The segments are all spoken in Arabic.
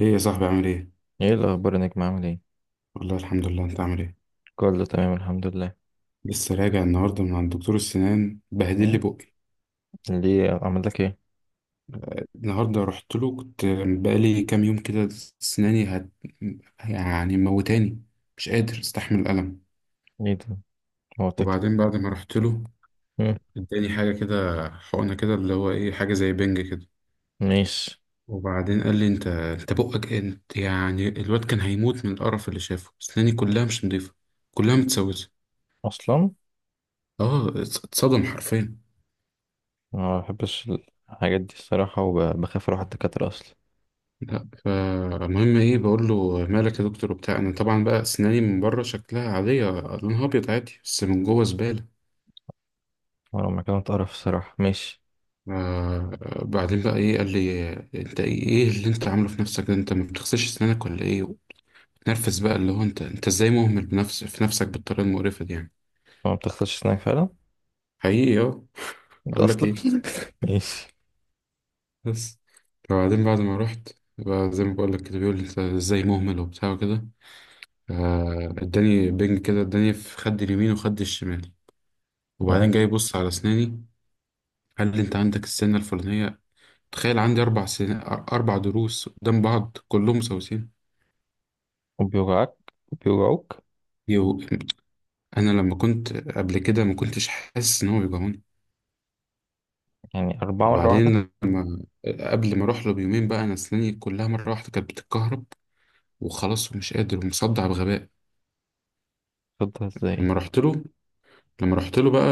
ليه يا صاحبي عامل ايه؟ ايه الاخبار يا نجم؟ عامل ايه؟ والله الحمد لله، انت عامل ايه؟ كله تمام الحمد لله. لسه راجع النهارده من عند دكتور السنان، بهدل لي مم. بقي. ليه؟ عمل لك ايه؟ النهارده رحت له. كنت بقالي كام يوم كده سناني هت... يعني موتاني، مش قادر استحمل الألم. ليه ده؟ موتك ليه؟ وبعدين بعد ما رحت له مم. اداني حاجة كده، حقنة كده اللي هو ايه، حاجة زي بنج كده. ماشي. وبعدين قال لي انت بقك، انت يعني الواد كان هيموت من القرف اللي شافه، سناني كلها مش نضيفة، كلها متسوسة. اصلا اه، اتصدم حرفيا. ما بحبش الحاجات دي الصراحه، وبخاف اروح الدكاتره اصلا. لا، فالمهم ايه، بقول له مالك يا دكتور وبتاع، انا طبعا بقى اسناني من بره شكلها عاديه لونها ابيض عادي، بس من جوه زباله. وانا لما كانت قرف الصراحه. ماشي. آه بعدين بقى ايه، قال لي انت ايه، إيه اللي انت عامله في نفسك ده، انت ما بتغسلش اسنانك ولا ايه؟ نرفز بقى، اللي هو انت ازاي مهمل بنفس في نفسك بالطريقه المقرفه دي يعني. هو ما بتغسلش اسنانك فعلا؟ حقيقي اه. انت اقول لك اصلا. ايه، ماشي. بس. فبعدين بعد ما رحت، بقى زي ما بقول لك كده بيقول لي انت ازاي مهمل وبتاع وكده. اداني بنج كده، اداني في خد اليمين وخد الشمال. وبعدين آه. جاي يبص على أسناني، قال لي أنت عندك السنة الفلانية. تخيل، عندي أربع سن... أربع ضروس قدام بعض كلهم مسوسين. وبيوجعك بيوجعوك؟ يو... أنا لما كنت قبل كده ما كنتش حاسس إن هو بيجعوني. يعني اربعه مره واحده؟ وبعدين لما قبل ما أروح له بيومين بقى، أنا أسناني كلها مرة واحدة كانت بتتكهرب، وخلاص ومش قادر ومصدع بغباء. تفضل ازاي؟ لما رحت له، لما رحت له بقى،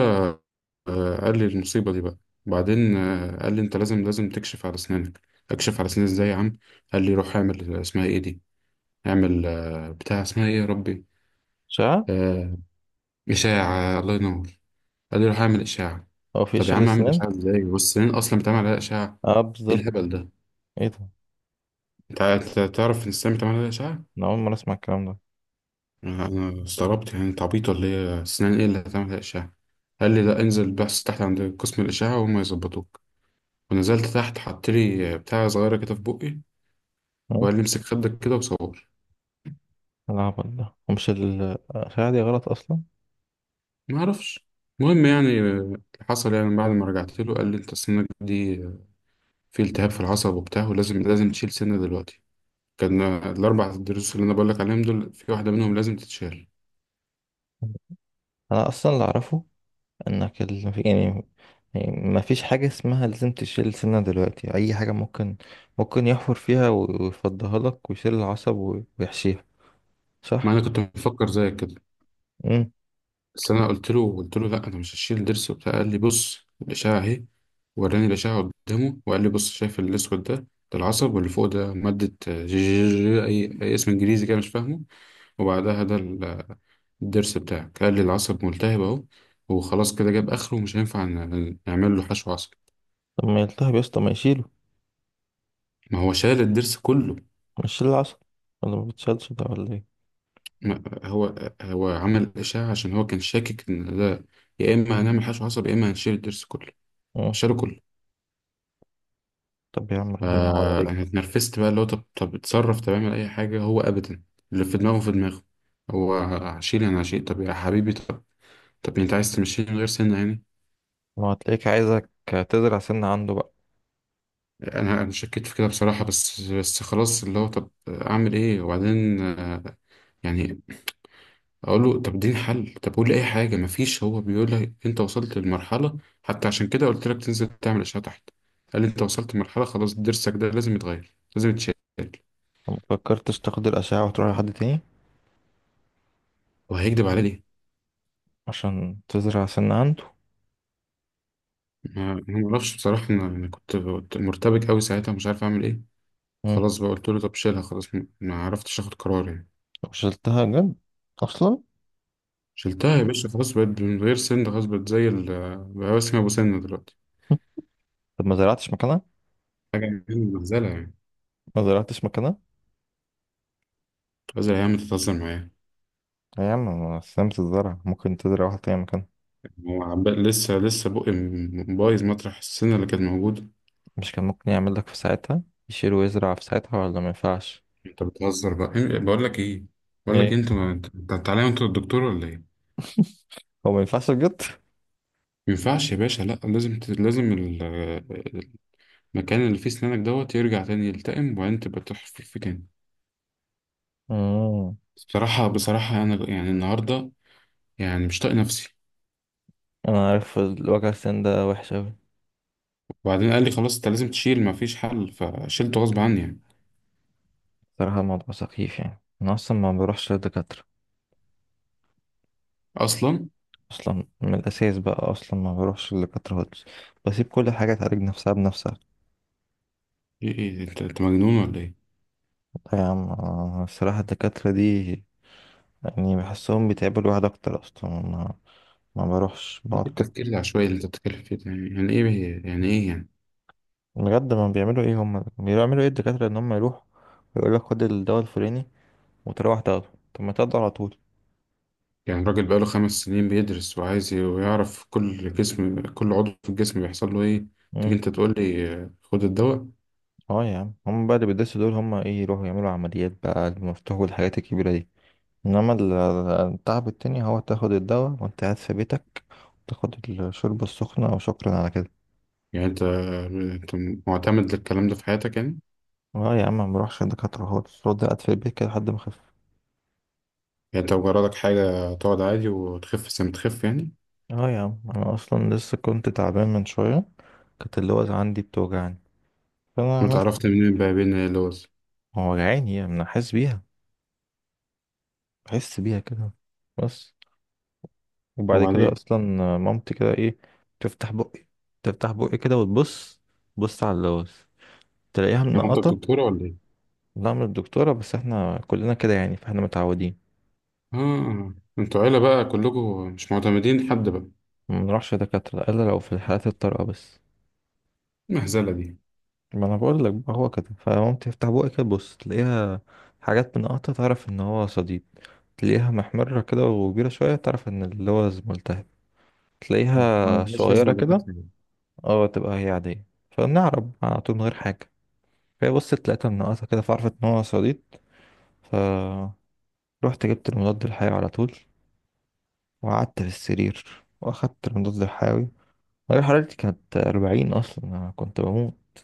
قال لي المصيبة دي بقى. بعدين قال لي أنت لازم تكشف على أسنانك. أكشف على أسناني إزاي يا عم؟ قال لي روح اعمل اسمها إيه دي، يعمل بتاع، اسمها ايه يا ربي؟ اشعه. آه، إشاعة، الله ينور. قال لي روح اعمل إشاعة. هو في طب يا اشعه عم اعمل اسنان؟ إشاعة ازاي، والسنين أصلا بتعمل عليها إشاعة؟ اه ايه بالظبط. الهبل ده؟ ايه ده؟ تعرف ان السنين بتعمل عليها إشاعة؟ انا اول مره اسمع الكلام أنا استغربت يعني، انت عبيط ولا ايه؟ السنين ايه اللي هتعمل عليها إشاعة؟ قال لي لا، انزل بحث تحت عند قسم الإشاعة وهم يظبطوك. ونزلت تحت، حط لي بتاع صغيرة كده في بقي، ده. وقال لي امسك خدك كده وصور. العبط ده، ومش الخداع دي غلط أصلا. ما اعرفش. المهم يعني اللي حصل يعني، بعد ما رجعت له قال لي انت سنك دي في التهاب في العصب وبتاع، ولازم تشيل سنة دلوقتي. كان الأربع دروس اللي أنا بقول لك عليهم دول، في واحدة منهم لازم تتشال. أنا أصلا اللي أعرفه إنك يعني، يعني ما فيش حاجة اسمها لازم تشيل سنة دلوقتي، أي حاجة ممكن، ممكن يحفر فيها ويفضيها لك ويشيل العصب ويحشيها، ما صح؟ أنا كنت مفكر زيك كده. مم. بس أنا قلت له، قلت له لا أنا مش هشيل ضرس وبتاع. قال لي بص الأشعة أهي. وراني الأشعة قدامه وقال لي بص، شايف الأسود ده؟ العصب، واللي فوق ده مادة جي جي أي, أي اسم إنجليزي كده مش فاهمه. وبعدها ده الضرس بتاعك. قال لي العصب ملتهب أهو، وخلاص كده جاب آخره ومش هينفع نعمل له حشو عصب. طب ما يلتهب يا اسطى، ما يشيله، ما هو شال الضرس كله. ما يشيل العصب، ولا ما بتشالش ده ولا ايه؟ هو هو عمل إشاعة عشان هو كان شاكك إن ده، يا إما هنعمل حشو عصب يا إما هنشيل الضرس كله. مم. شالوا كله. طب يا عم ربنا يعوض عليك فأنا بقى. اتنرفزت بقى، اللي هو طب، اتصرف، طب اعمل أي حاجة. هو أبدا، اللي في دماغه في دماغه. هو هشيل، أنا هشيل، طب يا حبيبي، طب. طب أنت عايز تمشيني من غير سنة يعني؟ ما هو هتلاقيك عايزك تزرع سنة عنده بقى. أنا شكيت في كده بصراحة، بس خلاص اللي هو طب أعمل إيه؟ وبعدين يعني اقول له طب اديني حل، طب قول لي اي حاجه، مفيش. هو بيقول لي انت وصلت للمرحله، حتى عشان كده قلت لك تنزل تعمل اشعه تحت. قال لي انت وصلت لمرحله خلاص، ضرسك ده لازم يتغير، لازم يتشال. ما فكرتش تاخد الأشعة وتروح لحد تاني وهيكدب على ليه؟ عشان تزرع سنة عنده؟ ما أنا ما اعرفش بصراحه، انا أنا كنت مرتبك قوي ساعتها، مش عارف اعمل ايه. خلاص بقى قلت له طب شيلها خلاص، ما عرفتش اخد قرار يعني. شلتها جد؟ اصلا؟ شلتها يا باشا، خلاص بقت من غير سن، خلاص بقت زي ال، بقى اسمها ابو سن دلوقتي. طب ما زرعتش مكانها؟ حاجه مهزله يعني. ما زرعتش مكانها؟ هزل يا عم، تتهزر معايا؟ يا عم ما استلمت الزرع، ممكن تزرع واحد تاني مكانها. لسه بقى م- بايظ مطرح السنة اللي كانت موجودة. مش كان ممكن يعمل لك في ساعتها، يشيل ويزرع في ساعتها، ولا ما ينفعش؟ انت بتهزر بقى، إيه- بقول لك ايه، بقول لك إيه، ايه، انت ما- انت أنت تعالى، انت الدكتور ولا ايه؟ ما هو ما ينفعش بجد؟ ينفعش يا باشا، لا لازم ت- لازم ال- المكان اللي فيه سنانك دوت يرجع تاني يلتئم، وبعدين تبقى تحفر فيه تاني. امم. بصراحة، انا يعني النهاردة يعني مش طايق نفسي. انا عارف الوجع، السن ده وحش اوي. وبعدين قال لي خلاص انت لازم تشيل، ما فيش حل، فشيلته غصب عني يعني. صراحة الموضوع سخيف، يعني انا اصلا ما بروحش للدكاترة اصلا اصلا من الاساس بقى، اصلا ما بروحش للدكاترة خالص، بسيب كل حاجة تعالج نفسها بنفسها. ايه، إيه، انت مجنون ولا ايه؟ طيب يا عم، الصراحة الدكاترة دي يعني بحسهم بيتعبوا الواحد اكتر، اصلا ما بروحش، ايه بقعد كده. التفكير العشوائي اللي انت بتتكلم فيه ده يعني؟ ايه يعني، ايه يعني؟ بجد ما بيعملوا ايه، هم بيعملوا ايه الدكاترة؟ ان هم يروح ويقول لك خد الدواء الفلاني، وتروح تاخده، طب ما تاخده على طول. يعني الراجل بقاله 5 سنين بيدرس وعايز ويعرف كل جسم، كل عضو في الجسم بيحصل له ايه. تيجي امم. انت تقول لي آه، خد الدواء؟ اه يا عم، هم بقى اللي بيدرسوا دول، هم ايه، يروحوا يعملوا عمليات بقى المفتوح والحاجات الكبيرة دي، انما التعب التاني هو تاخد الدواء وانت قاعد في بيتك، تاخد الشوربة السخنة وشكرا على كده. يعني انت معتمد للكلام ده في حياتك يعني؟ اه يا عم ما بروحش الدكاترة خالص، رد قاعد في البيت كده لحد ما اخف. يعني انت مجردك حاجة تقعد عادي وتخف زي ما تخف يعني؟ اه يا عم انا اصلا لسه كنت تعبان من شويه، كانت اللي هو عندي بتوجعني، فانا عملت. وتعرفت منين بقى بين اللوز؟ هو وجعاني يعني، انا حاسس بيها، بحس بيها كده، بس. وبعد كده وبعدين اصلا مامتي كده ايه، تفتح بقي، تفتح بقي كده وتبص، بص على اللوز، تلاقيها هو انت منقطه. الدكتورة ولا ايه؟ لا، من الدكتوره بس، احنا كلنا كده يعني، فاحنا متعودين. اه، انتوا عيلة بقى كلكم مش معتمدين حد بقى. ما بنروحش دكاتره الا لو في الحالات الطارئه بس. المهزلة دي ما انا بقول لك بقى هو كده، فمامتي تفتح بقي كده، تبص تلاقيها حاجات منقطه، تعرف ان هو صديد، تلاقيها محمرة كده وكبيرة شوية تعرف ان اللوز ملتهب، تلاقيها ملهاش صغيرة لازمة كده دكاترة اه تبقى هي عادية. فبنعرب على طول من غير حاجة. فهي بصت لقيتها منقطة كده، فعرفت ان هو صديد، ف رحت جبت المضاد الحيوي على طول، وقعدت في السرير واخدت المضاد الحيوي. درجة حرارتي كانت أربعين أصلا، أنا كنت بموت.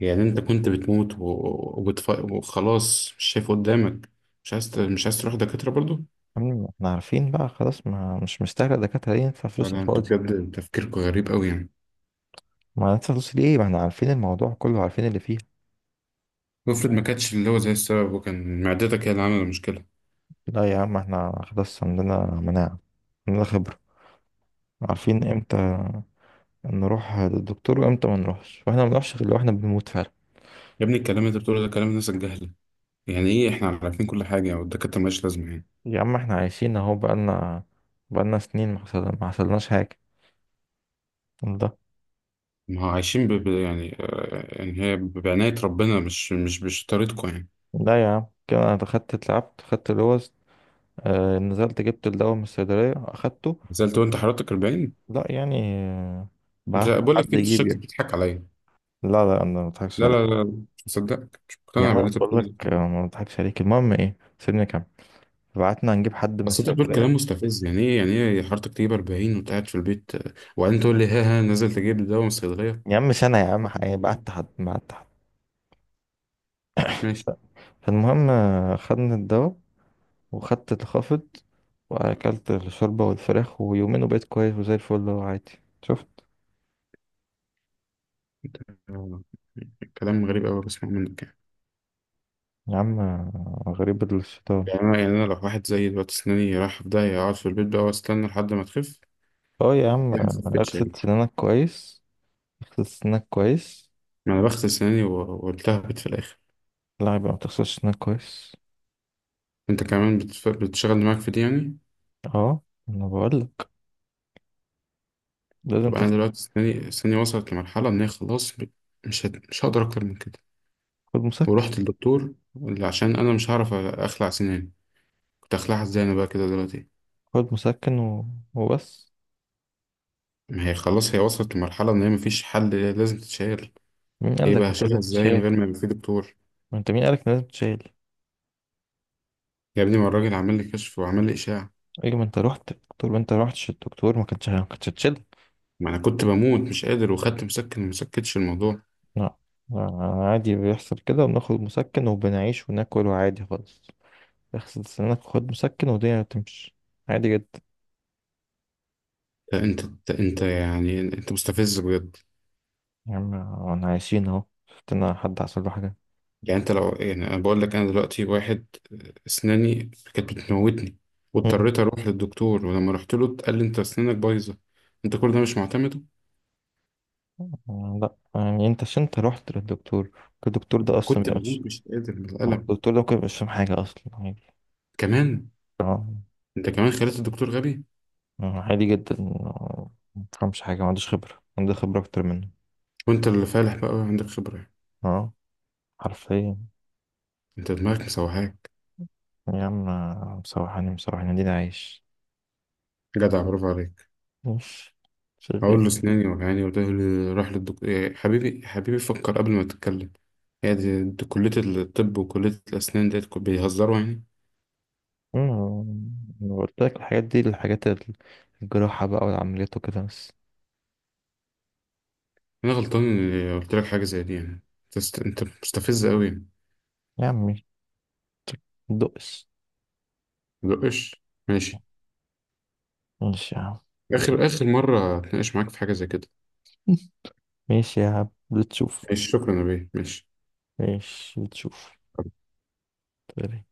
يعني؟ انت كنت بتموت و... وبتف... وخلاص مش شايف قدامك، مش عايز ت... مش عايز تروح دكاترة برضو؟ احنا عارفين بقى خلاص، ما مش مستاهلة الدكاترة دي ندفع لا فلوس على لا انتوا الفاضي، بجد تفكيركم غريب قوي يعني. ما ندفع فلوس ليه، ما احنا عارفين الموضوع كله، عارفين اللي فيه. وافرض ما كانتش اللي هو زي السبب، وكان معدتك هي اللي عاملة المشكلة؟ لا يا عم احنا خلاص عندنا مناعة، عندنا خبرة، عارفين امتى نروح للدكتور وامتى ما نروحش، واحنا ما بنروحش غير لو احنا بنموت فعلا. يا ابني الكلام اللي انت بتقوله ده كلام الناس الجهلة. يعني ايه احنا عارفين كل حاجة والدكاترة مالهاش لازمة يعني؟ يا عم احنا عايشين اهو، بقالنا سنين ما حصلناش حاجة ده. ما هو عايشين ب... ب... يعني آه، يعني هي بعناية ربنا، مش طريقتكم يعني. لا يا عم كده، انا دخلت اتلعبت خدت لوز، آه نزلت جبت الدواء من الصيدلية اخدته. نزلت وانت حضرتك 40؟ لا يعني انت بعت بقول حد لك انت يجيب شكلك يعني. بتضحك عليا. لا لا، انا ما بضحكش لا لا عليك. لا مش مصدقك، مش يا مقتنع عم أنا باللي انت بقول بتقوله لك، ده. ما بضحكش عليك، المهم ايه، سيبني كام، بعتنا نجيب حد من بس انت بتقول الصيدلية. كلام مستفز. يعني ايه، يعني ايه حضرتك تجيب 40 وانت قاعد في البيت، آه، وبعدين تقول لي ها ها نازل تجيب دواء من الصيدليه؟ يا عم سنة يا عم، حضرتك هيبقى 40. قعدت حد، ما قعدت حد. ماشي. فالمهم خدنا الدواء، وخدت الخافض، وأكلت الشوربة والفراخ، ويومين وبقيت كويس وزي الفل وعادي، شفت؟ انت آه، كلام غريب قوي بسمعه منك يعني. يا عم غريب الشيطان. يعني انا، يعني انا لو واحد زي دلوقتي اسناني رايحه في داهيه اقعد في البيت بقى واستنى لحد ما تخف؟ اه يا عم هي ما خفتش اغسل يعني. سنانك كويس، اغسل سنانك كويس. ما انا بغسل اسناني والتهبت في الاخر. لا يبقى ما تغسلش سنانك كويس. انت كمان بتف- بتشغل دماغك في دي يعني؟ اه، انا بقولك لازم طب انا تغسل. دلوقتي اسناني، اسناني وصلت لمرحله ان هي خلاص ب-، مش هت- مش هقدر اكتر من كده. خد مسكن، ورحت للدكتور اللي عشان انا مش هعرف أ- اخلع سناني. كنت هخلعها ازاي انا بقى كده دلوقتي؟ خد مسكن وبس. ما هي خلاص هي وصلت لمرحلة ان هي مفيش حل، هي لازم تتشال. مين ايه قالك بقى، إن لازم هشيلها ازاي من تشيل؟ غير ما يبقى في دكتور؟ ما انت مين قالك إن لازم تشيل؟ يا ابني، ما الراجل عمل لي كشف وعمل لي اشعة. ايه، ما انت رحت الدكتور، ما انت رحتش الدكتور ما كانتش هتشيلك. ما انا كنت بموت مش قادر، وخدت مسكن وما سكتش الموضوع. لا، لا، عادي بيحصل كده، وبناخد مسكن وبنعيش وناكل، وعادي خالص. اغسل سنانك وخد مسكن والدنيا هتمشي، عادي جدا. لا انت يعني، انت مستفز بجد. يا عم انا عايشين اهو، شفتنا حد حصل له حاجة؟ يعني انت لو، يعني انا بقول لك انا دلوقتي واحد اسناني كانت بتموتني، مم. واضطريت اروح للدكتور، ولما رحت له قال لي انت اسنانك بايظة، انت كل ده مش معتمده؟ لا يعني، انت عشان انت رحت للدكتور، الدكتور ده اصلا كنت بيبقى مش، بموت مش قادر من هو الألم الدكتور ده ممكن مش فاهم حاجة اصلا، عادي. كمان. اه، انت كمان خليت الدكتور غبي؟ عادي جدا، ما بيفهمش حاجة، ما عندوش خبرة، عنده خبرة اكتر منه. وانت اللي فالح بقى وعندك خبرة يعني. اه، حرفيا. انت دماغك مسوحاك. يا عم، مسوحاني، مسوحاني دي عايش، جدع، برافو عليك. بص، هقول شغال. له اسناني وجعاني وده اللي راح للدكتور؟ يا حبيبي، حبيبي فكر قبل ما تتكلم. هي دي, دي كلية الطب وكلية الأسنان، ديت كو- بيهزروا يعني؟ أمم، أنا قلت لك الحاجات دي، الحاجات الجراحة بقى والعمليات وكده بس. أنا غلطان إني قلت لك حاجة زي دي يعني. أنت است- أنت مستفز أوي. يا عمي دقس. مدقش. ماشي. ماشي يا عم. آخر مرة هتناقش معاك في حاجة زي كده. ماشي يا عم، بتشوف. ماشي، شكرا يا بيه، ماشي. ماشي، بتشوف. طيب.